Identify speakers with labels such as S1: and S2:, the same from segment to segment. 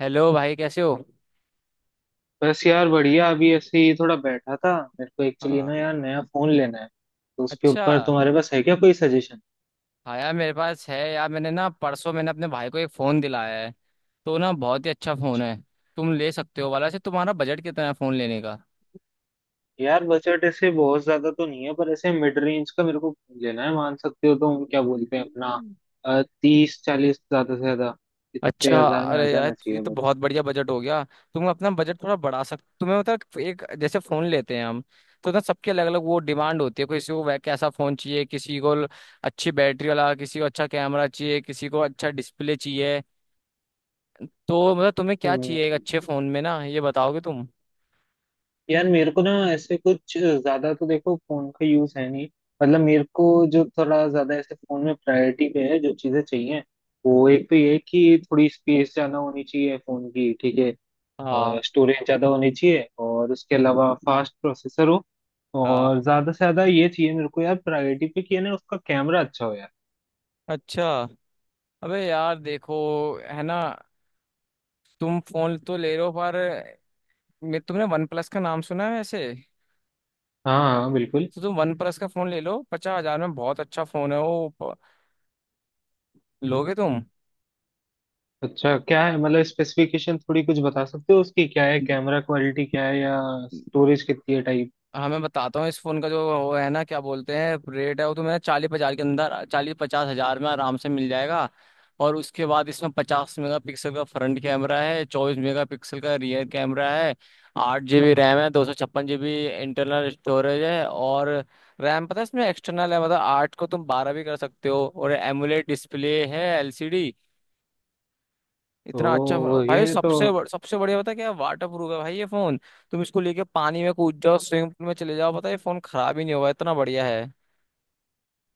S1: Hello भाई कैसे हो।
S2: बस यार बढ़िया। अभी ऐसे ही थोड़ा बैठा था। मेरे को एक्चुअली
S1: हाँ।
S2: ना यार नया फोन लेना है, तो उसके
S1: अच्छा।
S2: ऊपर तुम्हारे पास है क्या कोई सजेशन?
S1: हाँ यार मेरे पास है यार मैंने ना परसों मैंने अपने भाई को एक फ़ोन दिलाया है, तो ना बहुत ही अच्छा फ़ोन है। तुम ले सकते हो वाला से। तुम्हारा बजट कितना है फ़ोन लेने का?
S2: यार बजट ऐसे बहुत ज्यादा तो नहीं है, पर ऐसे मिड रेंज का मेरे को लेना है, मान सकते हो। तुम क्या बोलते हैं अपना तीस चालीस ज्यादा से ज्यादा, इतने
S1: अच्छा,
S2: हजार में आ
S1: अरे यार
S2: जाना
S1: ये
S2: चाहिए
S1: तो
S2: बस।
S1: बहुत बढ़िया बजट हो गया। तुम अपना बजट थोड़ा बढ़ा सकते? तुम्हें मतलब एक जैसे फोन लेते हैं हम, तो ना सबके अलग अलग वो डिमांड होती है। किसी को कैसा फोन चाहिए, किसी को अच्छी बैटरी वाला, किसी को अच्छा कैमरा चाहिए, किसी को अच्छा डिस्प्ले चाहिए। तो मतलब तुम्हें क्या
S2: हम्म।
S1: चाहिए एक अच्छे फोन में ना ये बताओगे तुम?
S2: यार मेरे को ना ऐसे कुछ ज्यादा तो देखो फोन का यूज है नहीं, मतलब मेरे को जो थोड़ा ज्यादा ऐसे फोन में प्रायोरिटी पे है जो चीजें चाहिए, वो एक तो ये है कि थोड़ी स्पेस ज्यादा होनी चाहिए फोन की, ठीक है।
S1: हाँ।
S2: स्टोरेज ज्यादा होनी चाहिए, और उसके अलावा फास्ट प्रोसेसर हो, और
S1: हाँ।
S2: ज्यादा से ज्यादा ये चाहिए मेरे को यार प्रायोरिटी पे कि है ना उसका कैमरा अच्छा हो यार।
S1: अच्छा। अबे यार देखो, है ना, तुम फोन तो ले लो पर मैं तुमने वन प्लस का नाम सुना है वैसे?
S2: हाँ हाँ बिल्कुल।
S1: तो तुम वन प्लस का फोन ले लो, 50,000 में बहुत अच्छा फोन है वो। लोगे तुम?
S2: अच्छा क्या है मतलब स्पेसिफिकेशन थोड़ी कुछ बता सकते हो उसकी? क्या है कैमरा क्वालिटी, क्या है या स्टोरेज कितनी है?
S1: हाँ मैं बताता हूँ। इस फोन का जो वो है ना क्या बोलते हैं रेट है वो, तो मैं 40-50 के अंदर, 40-50,000 में आराम से मिल जाएगा। और उसके बाद इसमें 50 मेगापिक्सल का फ्रंट कैमरा है, 24 मेगापिक्सल का रियर कैमरा है, 8 GB रैम है, 256 GB इंटरनल स्टोरेज है। और रैम पता है इसमें एक्सटर्नल है, मतलब 8 को तुम 12 भी कर सकते हो। और एमुलेट डिस्प्ले है, एलसीडी। इतना अच्छा फोन
S2: ओ यार
S1: भाई।
S2: ये तो।
S1: सबसे बढ़िया पता है क्या? वाटर प्रूफ है भाई ये फोन। तुम इसको लेके पानी में कूद जाओ, स्विमिंग पूल में चले जाओ, पता है ये फोन खराब ही नहीं होगा, इतना बढ़िया है।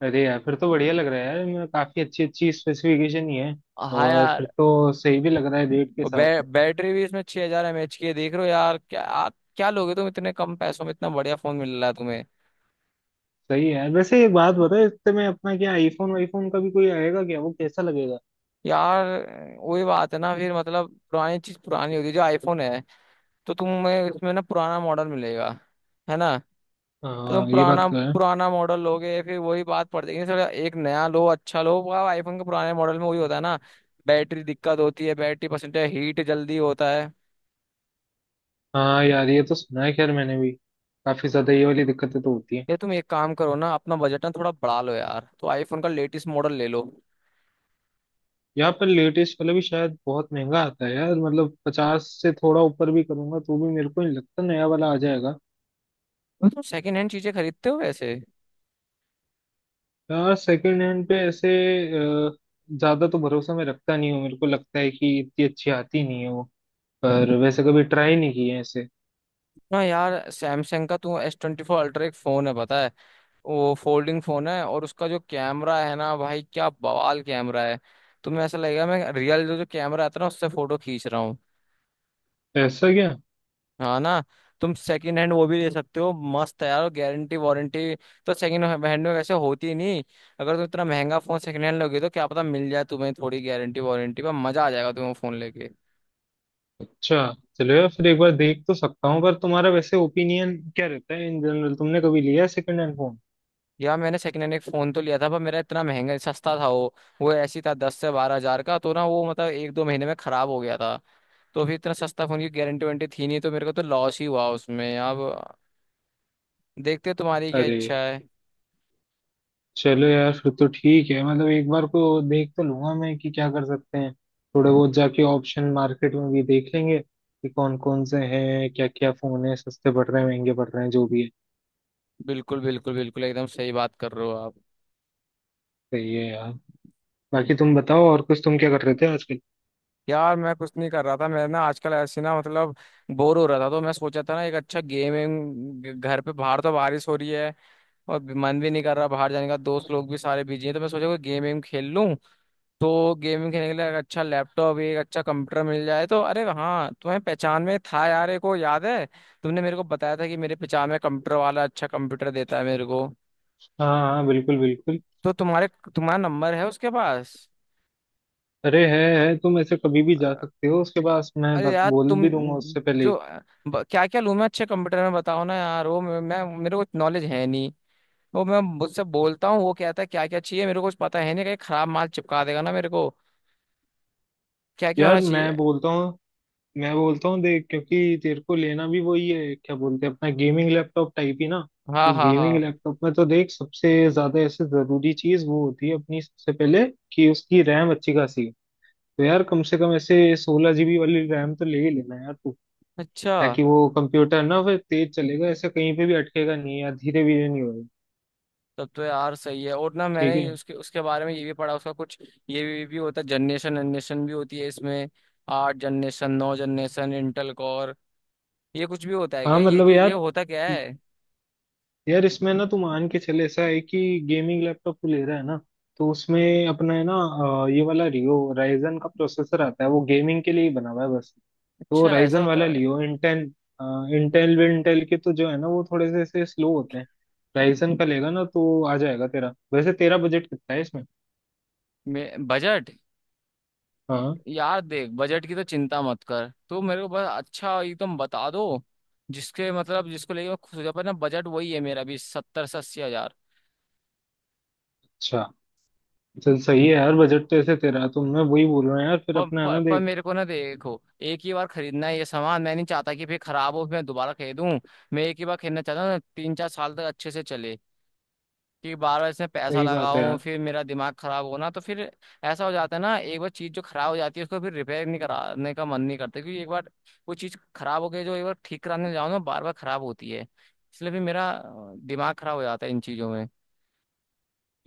S2: अरे यार फिर तो बढ़िया लग रहा है यार, इनमें काफी अच्छी अच्छी स्पेसिफिकेशन ही है।
S1: हाँ
S2: और फिर
S1: यार।
S2: तो सही भी लग रहा है रेट के हिसाब से।
S1: बैटरी भी इसमें 6000 हजार एम एच की है। देख रहे हो यार क्या? आप क्या लोगे तुम? इतने कम पैसों में इतना बढ़िया फोन मिल रहा है तुम्हें।
S2: सही है यार। वैसे एक बात बता, इससे में अपना क्या आईफोन वाईफोन का भी कोई आएगा क्या? वो कैसा लगेगा?
S1: यार वही बात है ना फिर, मतलब पुरानी चीज पुरानी होती है। जो आईफोन है तो तुम्हें इसमें ना पुराना मॉडल मिलेगा, है ना।
S2: हाँ
S1: तुम
S2: ये बात
S1: पुराना,
S2: तो है।
S1: पुराना मॉडल लोगे फिर वही बात पड़ जाएगी सर। एक नया लो, अच्छा लो। आईफोन के पुराने मॉडल में वही होता है ना, बैटरी दिक्कत होती है, बैटरी परसेंटेज हीट जल्दी होता है।
S2: हाँ यार ये तो सुना है, खैर मैंने भी काफी ज्यादा ये वाली दिक्कतें तो होती हैं।
S1: ये तुम एक काम करो ना, अपना बजट ना थोड़ा बढ़ा लो यार, तो आईफोन का लेटेस्ट मॉडल ले लो।
S2: यहाँ पर लेटेस्ट वाला भी शायद बहुत महंगा आता है यार, मतलब पचास से थोड़ा ऊपर भी करूंगा तो भी मेरे को नहीं लगता नया वाला आ जाएगा।
S1: तो तुम सेकंड हैंड चीजें खरीदते हो वैसे?
S2: यार सेकंड हैंड पे ऐसे अ, ज्यादा तो भरोसा मैं रखता नहीं हूँ, मेरे को लगता है कि इतनी अच्छी आती नहीं है वो। पर वैसे कभी ट्राई नहीं की है ऐसे।
S1: ना यार, सैमसंग का तू S24 Ultra एक फोन है पता है, वो फोल्डिंग फोन है, और उसका जो कैमरा है ना भाई क्या बवाल कैमरा है। तुम्हें ऐसा लगेगा मैं रियल जो जो कैमरा आता है ना उससे फोटो खींच रहा हूँ।
S2: ऐसा क्या।
S1: हाँ ना। तुम सेकंड हैंड वो भी ले सकते हो, मस्त है यार। गारंटी वारंटी तो सेकंड हैंड में वैसे होती ही नहीं, अगर तुम इतना महंगा फोन सेकंड हैंड लोगे तो क्या पता मिल जाए तुम्हें थोड़ी गारंटी वारंटी, पर मजा आ जाएगा तुम्हें फोन लेके।
S2: अच्छा। चलो यार फिर एक बार देख तो सकता हूँ, पर तुम्हारा वैसे ओपिनियन क्या रहता है इन जनरल? तुमने कभी लिया सेकंड हैंड फोन?
S1: यार मैंने सेकंड हैंड एक फोन तो लिया था, पर मेरा इतना महंगा सस्ता था वो। वो ऐसी था 10-12,000 का, तो ना वो मतलब 1-2 महीने में खराब हो गया था। तो फिर इतना सस्ता फोन की गारंटी वारंटी थी नहीं, तो मेरे को तो लॉस ही हुआ उसमें। अब देखते हैं तुम्हारी क्या
S2: अरे
S1: इच्छा है।
S2: चलो यार फिर तो ठीक है, मतलब एक बार को देख तो लूंगा मैं कि क्या कर सकते हैं। थोड़े बहुत जाके ऑप्शन मार्केट में भी देख लेंगे कि कौन कौन से हैं, क्या क्या फोन है, सस्ते पड़ रहे हैं महंगे पड़ रहे हैं जो भी है।
S1: बिल्कुल बिल्कुल बिल्कुल, एकदम सही बात कर रहे हो आप।
S2: सही है यार। बाकी तुम बताओ, और कुछ तुम क्या कर रहे थे आजकल?
S1: यार मैं कुछ नहीं कर रहा था। मैं ना आजकल ऐसे ना मतलब बोर हो रहा था, तो मैं सोचा था ना एक अच्छा गेमिंग घर पे, बाहर तो बारिश हो रही है और मन भी नहीं कर रहा बाहर जाने का, दोस्त लोग भी सारे बिजी हैं, तो मैं सोचा कोई गेम वेम खेल लूँ। तो गेमिंग खेलने के लिए एक अच्छा लैपटॉप, एक अच्छा कंप्यूटर मिल जाए तो, अरे हाँ तुम्हें पहचान में था यार एक, को याद है तुमने मेरे को बताया था कि मेरे पहचान में कंप्यूटर वाला अच्छा कंप्यूटर देता है मेरे को।
S2: हाँ हाँ, बिल्कुल बिल्कुल।
S1: तो तुम्हारे, तुम्हारा नंबर है उसके पास?
S2: अरे है, तुम ऐसे कभी भी जा सकते हो उसके पास, मैं
S1: अरे यार
S2: बोल
S1: तुम,
S2: भी दूंगा उससे पहले
S1: जो
S2: ही।
S1: क्या क्या लूँ मैं अच्छे कंप्यूटर में बताओ ना यार। वो मैं मेरे को नॉलेज है नहीं। वो मैं मुझसे बोलता हूँ वो कहता है क्या क्या चाहिए, मेरे को कुछ पता है नहीं, कहीं खराब माल चिपका देगा ना मेरे को। क्या क्या होना
S2: यार मैं
S1: चाहिए?
S2: बोलता हूँ, मैं बोलता हूँ देख, क्योंकि तेरे को लेना भी वही है क्या बोलते हैं अपना गेमिंग लैपटॉप टाइप ही ना।
S1: हाँ
S2: तो
S1: हाँ
S2: गेमिंग
S1: हाँ।
S2: लैपटॉप में तो देख सबसे ज्यादा ऐसे जरूरी चीज वो होती है अपनी सबसे पहले कि उसकी रैम अच्छी खासी हो। तो यार कम से कम ऐसे 16 GB वाली रैम तो ले ही लेना यार तू,
S1: अच्छा।
S2: ताकि वो कंप्यूटर ना फिर तेज चलेगा, ऐसे कहीं पे भी अटकेगा नहीं या धीरे धीरे नहीं होगा।
S1: तब तो यार सही है। और ना मैंने
S2: ठीक है।
S1: ये उसके उसके बारे में ये भी पढ़ा उसका कुछ। ये भी होता है, जनरेशन जनरेशन भी होती है इसमें, 8 जनरेशन, 9 जनरेशन, इंटेल कोर। ये कुछ भी होता है
S2: हाँ
S1: क्या, ये
S2: मतलब
S1: कि ये
S2: यार,
S1: होता क्या है?
S2: यार इसमें ना तू मान के चले ऐसा है कि गेमिंग लैपटॉप तू ले रहा है ना, तो उसमें अपना है ना ये वाला रियो राइजन का प्रोसेसर आता है, वो गेमिंग के लिए ही बना हुआ है बस। तो
S1: अच्छा ऐसा
S2: राइजन
S1: होता
S2: वाला
S1: है।
S2: लियो, इंटेल इंटेल विंटेल के तो जो है ना वो थोड़े से ऐसे स्लो होते हैं। राइजन का लेगा ना तो आ जाएगा तेरा। वैसे तेरा बजट कितना है इसमें?
S1: बजट?
S2: हाँ।
S1: यार देख बजट की तो चिंता मत कर तू, मेरे को बस अच्छा एकदम बता दो जिसके मतलब जिसको लेके मैं खुश हो जाऊँ। पर ना बजट वही है मेरा भी, 70-80,000।
S2: अच्छा। चल सही है यार, बजट तो ऐसे तेरा तो मैं वही बोल रहा हूँ यार, फिर
S1: पर,
S2: अपना है ना
S1: पर, पर
S2: देख।
S1: मेरे को ना देखो, एक ही बार खरीदना है ये सामान। मैं नहीं चाहता कि फिर खराब हो फिर मैं दोबारा खरीदूं। मैं एक ही बार खरीदना चाहता हूँ, 3-4 साल तक अच्छे से चले। कि बार बार इसमें पैसा
S2: सही बात है
S1: लगाऊं
S2: यार।
S1: फिर मेरा दिमाग खराब होना, तो फिर ऐसा हो जाता है ना, एक बार चीज जो खराब हो जाती है उसको फिर रिपेयर नहीं कराने का मन नहीं करता। क्योंकि एक बार वो चीज खराब हो गई जो, एक बार ठीक कराने जाओ ना, बार बार खराब होती है। इसलिए भी मेरा दिमाग खराब हो जाता है इन चीजों में।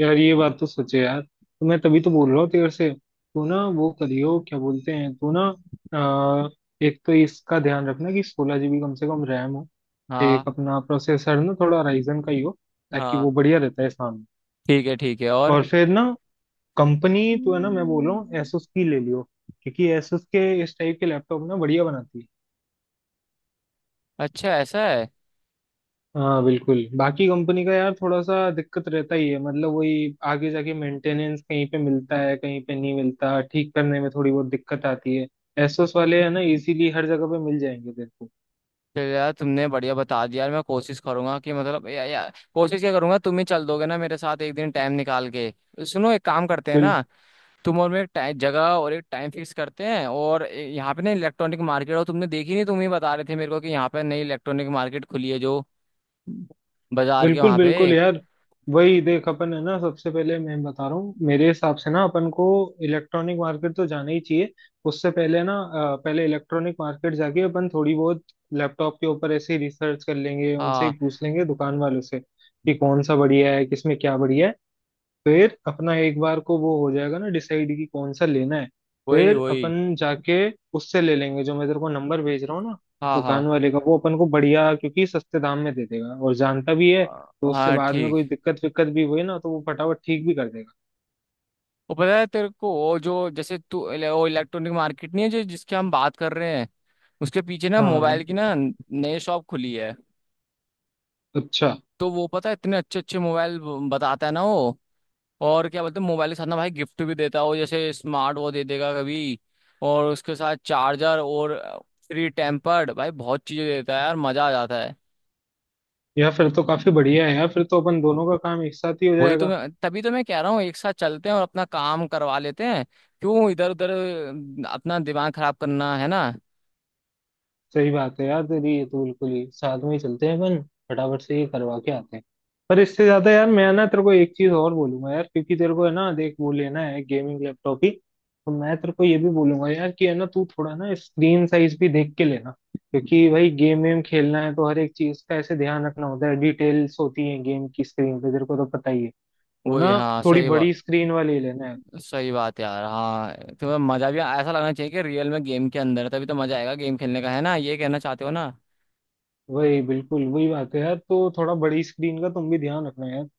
S2: यार ये बात तो सोचे यार, तो मैं तभी तो बोल रहा हूँ तेरे से तू ना वो करियो क्या बोलते हैं तू ना अ, एक तो इसका ध्यान रखना कि 16 GB कम से कम रैम हो।
S1: हाँ।
S2: एक अपना प्रोसेसर ना थोड़ा राइजन का ही हो, ताकि वो
S1: हाँ
S2: बढ़िया रहता है सामने।
S1: ठीक है, ठीक है। और?
S2: और फिर ना कंपनी तो है ना मैं बोल रहा हूँ
S1: हम्म।
S2: एसोस की ले लियो, क्योंकि एसोस के इस टाइप के लैपटॉप ना बढ़िया बनाती है।
S1: अच्छा ऐसा है।
S2: हाँ बिल्कुल, बाकी कंपनी का यार थोड़ा सा दिक्कत रहता ही है, मतलब वही आगे जाके मेंटेनेंस कहीं पे मिलता है कहीं पे नहीं मिलता, ठीक करने में थोड़ी बहुत दिक्कत आती है। एसोस वाले है ना इजीली हर जगह पे मिल जाएंगे तेरे
S1: चल यार, तुमने बढ़िया बता दिया। यार मैं कोशिश करूंगा कि मतलब या कोशिश क्या करूंगा, तुम ही चल दोगे ना मेरे साथ एक दिन टाइम निकाल के। सुनो एक काम करते हैं
S2: को।
S1: ना, तुम और मैं एक टाइम जगह और एक टाइम फिक्स करते हैं और यहाँ पे ना इलेक्ट्रॉनिक मार्केट, और तुमने देखी नहीं, तुम ही बता रहे थे मेरे को कि यहाँ पे नई इलेक्ट्रॉनिक मार्केट खुली है जो बाजार के
S2: बिल्कुल
S1: वहाँ पे।
S2: बिल्कुल यार, वही देख अपन है ना सबसे पहले मैं बता रहा हूँ मेरे हिसाब से ना अपन को इलेक्ट्रॉनिक मार्केट तो जाना ही चाहिए। उससे पहले ना पहले इलेक्ट्रॉनिक मार्केट जाके अपन थोड़ी बहुत लैपटॉप के ऊपर ऐसे ही रिसर्च कर लेंगे, उनसे
S1: हाँ।
S2: ही पूछ लेंगे दुकान वालों से कि कौन सा बढ़िया है, किसमें क्या बढ़िया है। फिर अपना एक बार को वो हो जाएगा ना डिसाइड कि कौन सा लेना है,
S1: वही
S2: फिर
S1: वही।
S2: अपन जाके उससे ले लेंगे जो मैं तेरे को नंबर भेज रहा हूँ ना
S1: हाँ हाँ।
S2: दुकान वाले का। वो अपन को बढ़िया क्योंकि सस्ते दाम में दे देगा और जानता भी है,
S1: अ,
S2: तो उससे
S1: हाँ
S2: बाद में
S1: ठीक।
S2: कोई दिक्कत विक्कत भी हुई ना तो वो फटाफट ठीक भी कर देगा।
S1: वो पता है तेरे को वो, जो जैसे तू वो इलेक्ट्रॉनिक मार्केट नहीं है जो जिसकी हम बात कर रहे हैं, उसके पीछे ना
S2: हाँ।
S1: मोबाइल की ना नई शॉप खुली है।
S2: अच्छा।
S1: तो वो पता है इतने अच्छे अच्छे मोबाइल बताता है ना वो। और क्या बोलते हैं मोबाइल के साथ ना भाई गिफ्ट भी देता है वो, जैसे स्मार्ट वो दे देगा कभी, और उसके साथ चार्जर और फ्री टेम्पर्ड, भाई बहुत चीजें देता है यार, मजा आ जाता है।
S2: या फिर तो काफी बढ़िया है यार, फिर तो अपन दोनों का काम एक साथ ही हो
S1: वही तो,
S2: जाएगा।
S1: मैं तभी तो मैं कह रहा हूँ एक साथ चलते हैं और अपना काम करवा लेते हैं। क्यों इधर उधर अपना दिमाग खराब करना है ना।
S2: सही बात है यार तेरी, ये तो बिल्कुल ही साथ में ही चलते हैं अपन, फटाफट से ये करवा के आते हैं। पर इससे ज्यादा यार मैं ना तेरे को एक चीज और बोलूंगा यार, क्योंकि तेरे को है ना देख वो लेना है गेमिंग लैपटॉप ही, तो मैं तेरे को ये भी बोलूंगा यार कि है ना तू थोड़ा ना स्क्रीन साइज भी देख के लेना, क्योंकि भाई गेम वेम खेलना है तो हर एक चीज का ऐसे ध्यान रखना होता है, डिटेल्स होती है गेम की स्क्रीन पे तेरे को तो पता ही है, तो
S1: वही,
S2: ना
S1: हाँ
S2: थोड़ी
S1: सही
S2: बड़ी
S1: बात।
S2: स्क्रीन वाली ही लेना है।
S1: सही बात यार। हाँ तो मजा भी ऐसा लगना चाहिए कि रियल में गेम के अंदर है, तभी तो मजा आएगा गेम खेलने का, है ना ये कहना चाहते हो ना।
S2: वही बिल्कुल वही बात है यार, तो थोड़ा बड़ी स्क्रीन का तुम भी ध्यान रखना यार।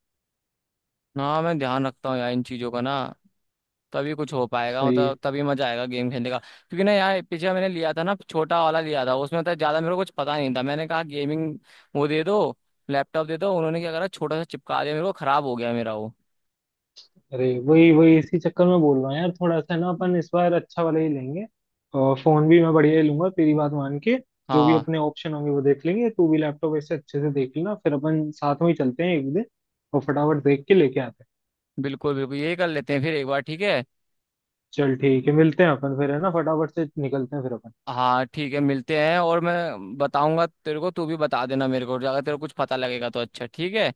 S1: ना मैं ध्यान रखता हूँ यार इन चीज़ों का ना, तभी कुछ हो पाएगा,
S2: सही है।
S1: मतलब तभी मजा आएगा गेम खेलने का। क्योंकि ना यार पीछे मैंने लिया था ना, छोटा वाला लिया था, उसमें तो ज्यादा मेरे को कुछ पता नहीं था, मैंने कहा गेमिंग वो दे दो, लैपटॉप दे दो, उन्होंने क्या करा छोटा सा चिपका दिया मेरे को, खराब हो गया मेरा वो।
S2: अरे वही वही, इसी चक्कर में बोल रहा हूँ यार, थोड़ा सा ना अपन इस बार अच्छा वाला ही लेंगे, और फोन भी मैं बढ़िया ही लूंगा तेरी बात मान के। जो भी
S1: हाँ
S2: अपने ऑप्शन होंगे वो देख लेंगे, तू भी लैपटॉप ऐसे अच्छे से देख लेना, फिर अपन साथ में ही चलते हैं एक दिन और फटाफट देख के लेके आते हैं।
S1: बिल्कुल बिल्कुल, यही कर लेते हैं फिर एक बार, ठीक है।
S2: चल ठीक है, मिलते हैं अपन फिर, है ना फटाफट से निकलते हैं फिर अपन।
S1: हाँ ठीक है, मिलते हैं, और मैं बताऊंगा तेरे को, तू भी बता देना मेरे को अगर तेरे को कुछ पता लगेगा तो, अच्छा ठीक है।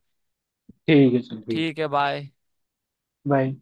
S2: ठीक है, चल ठीक।
S1: ठीक है, बाय।
S2: बाय।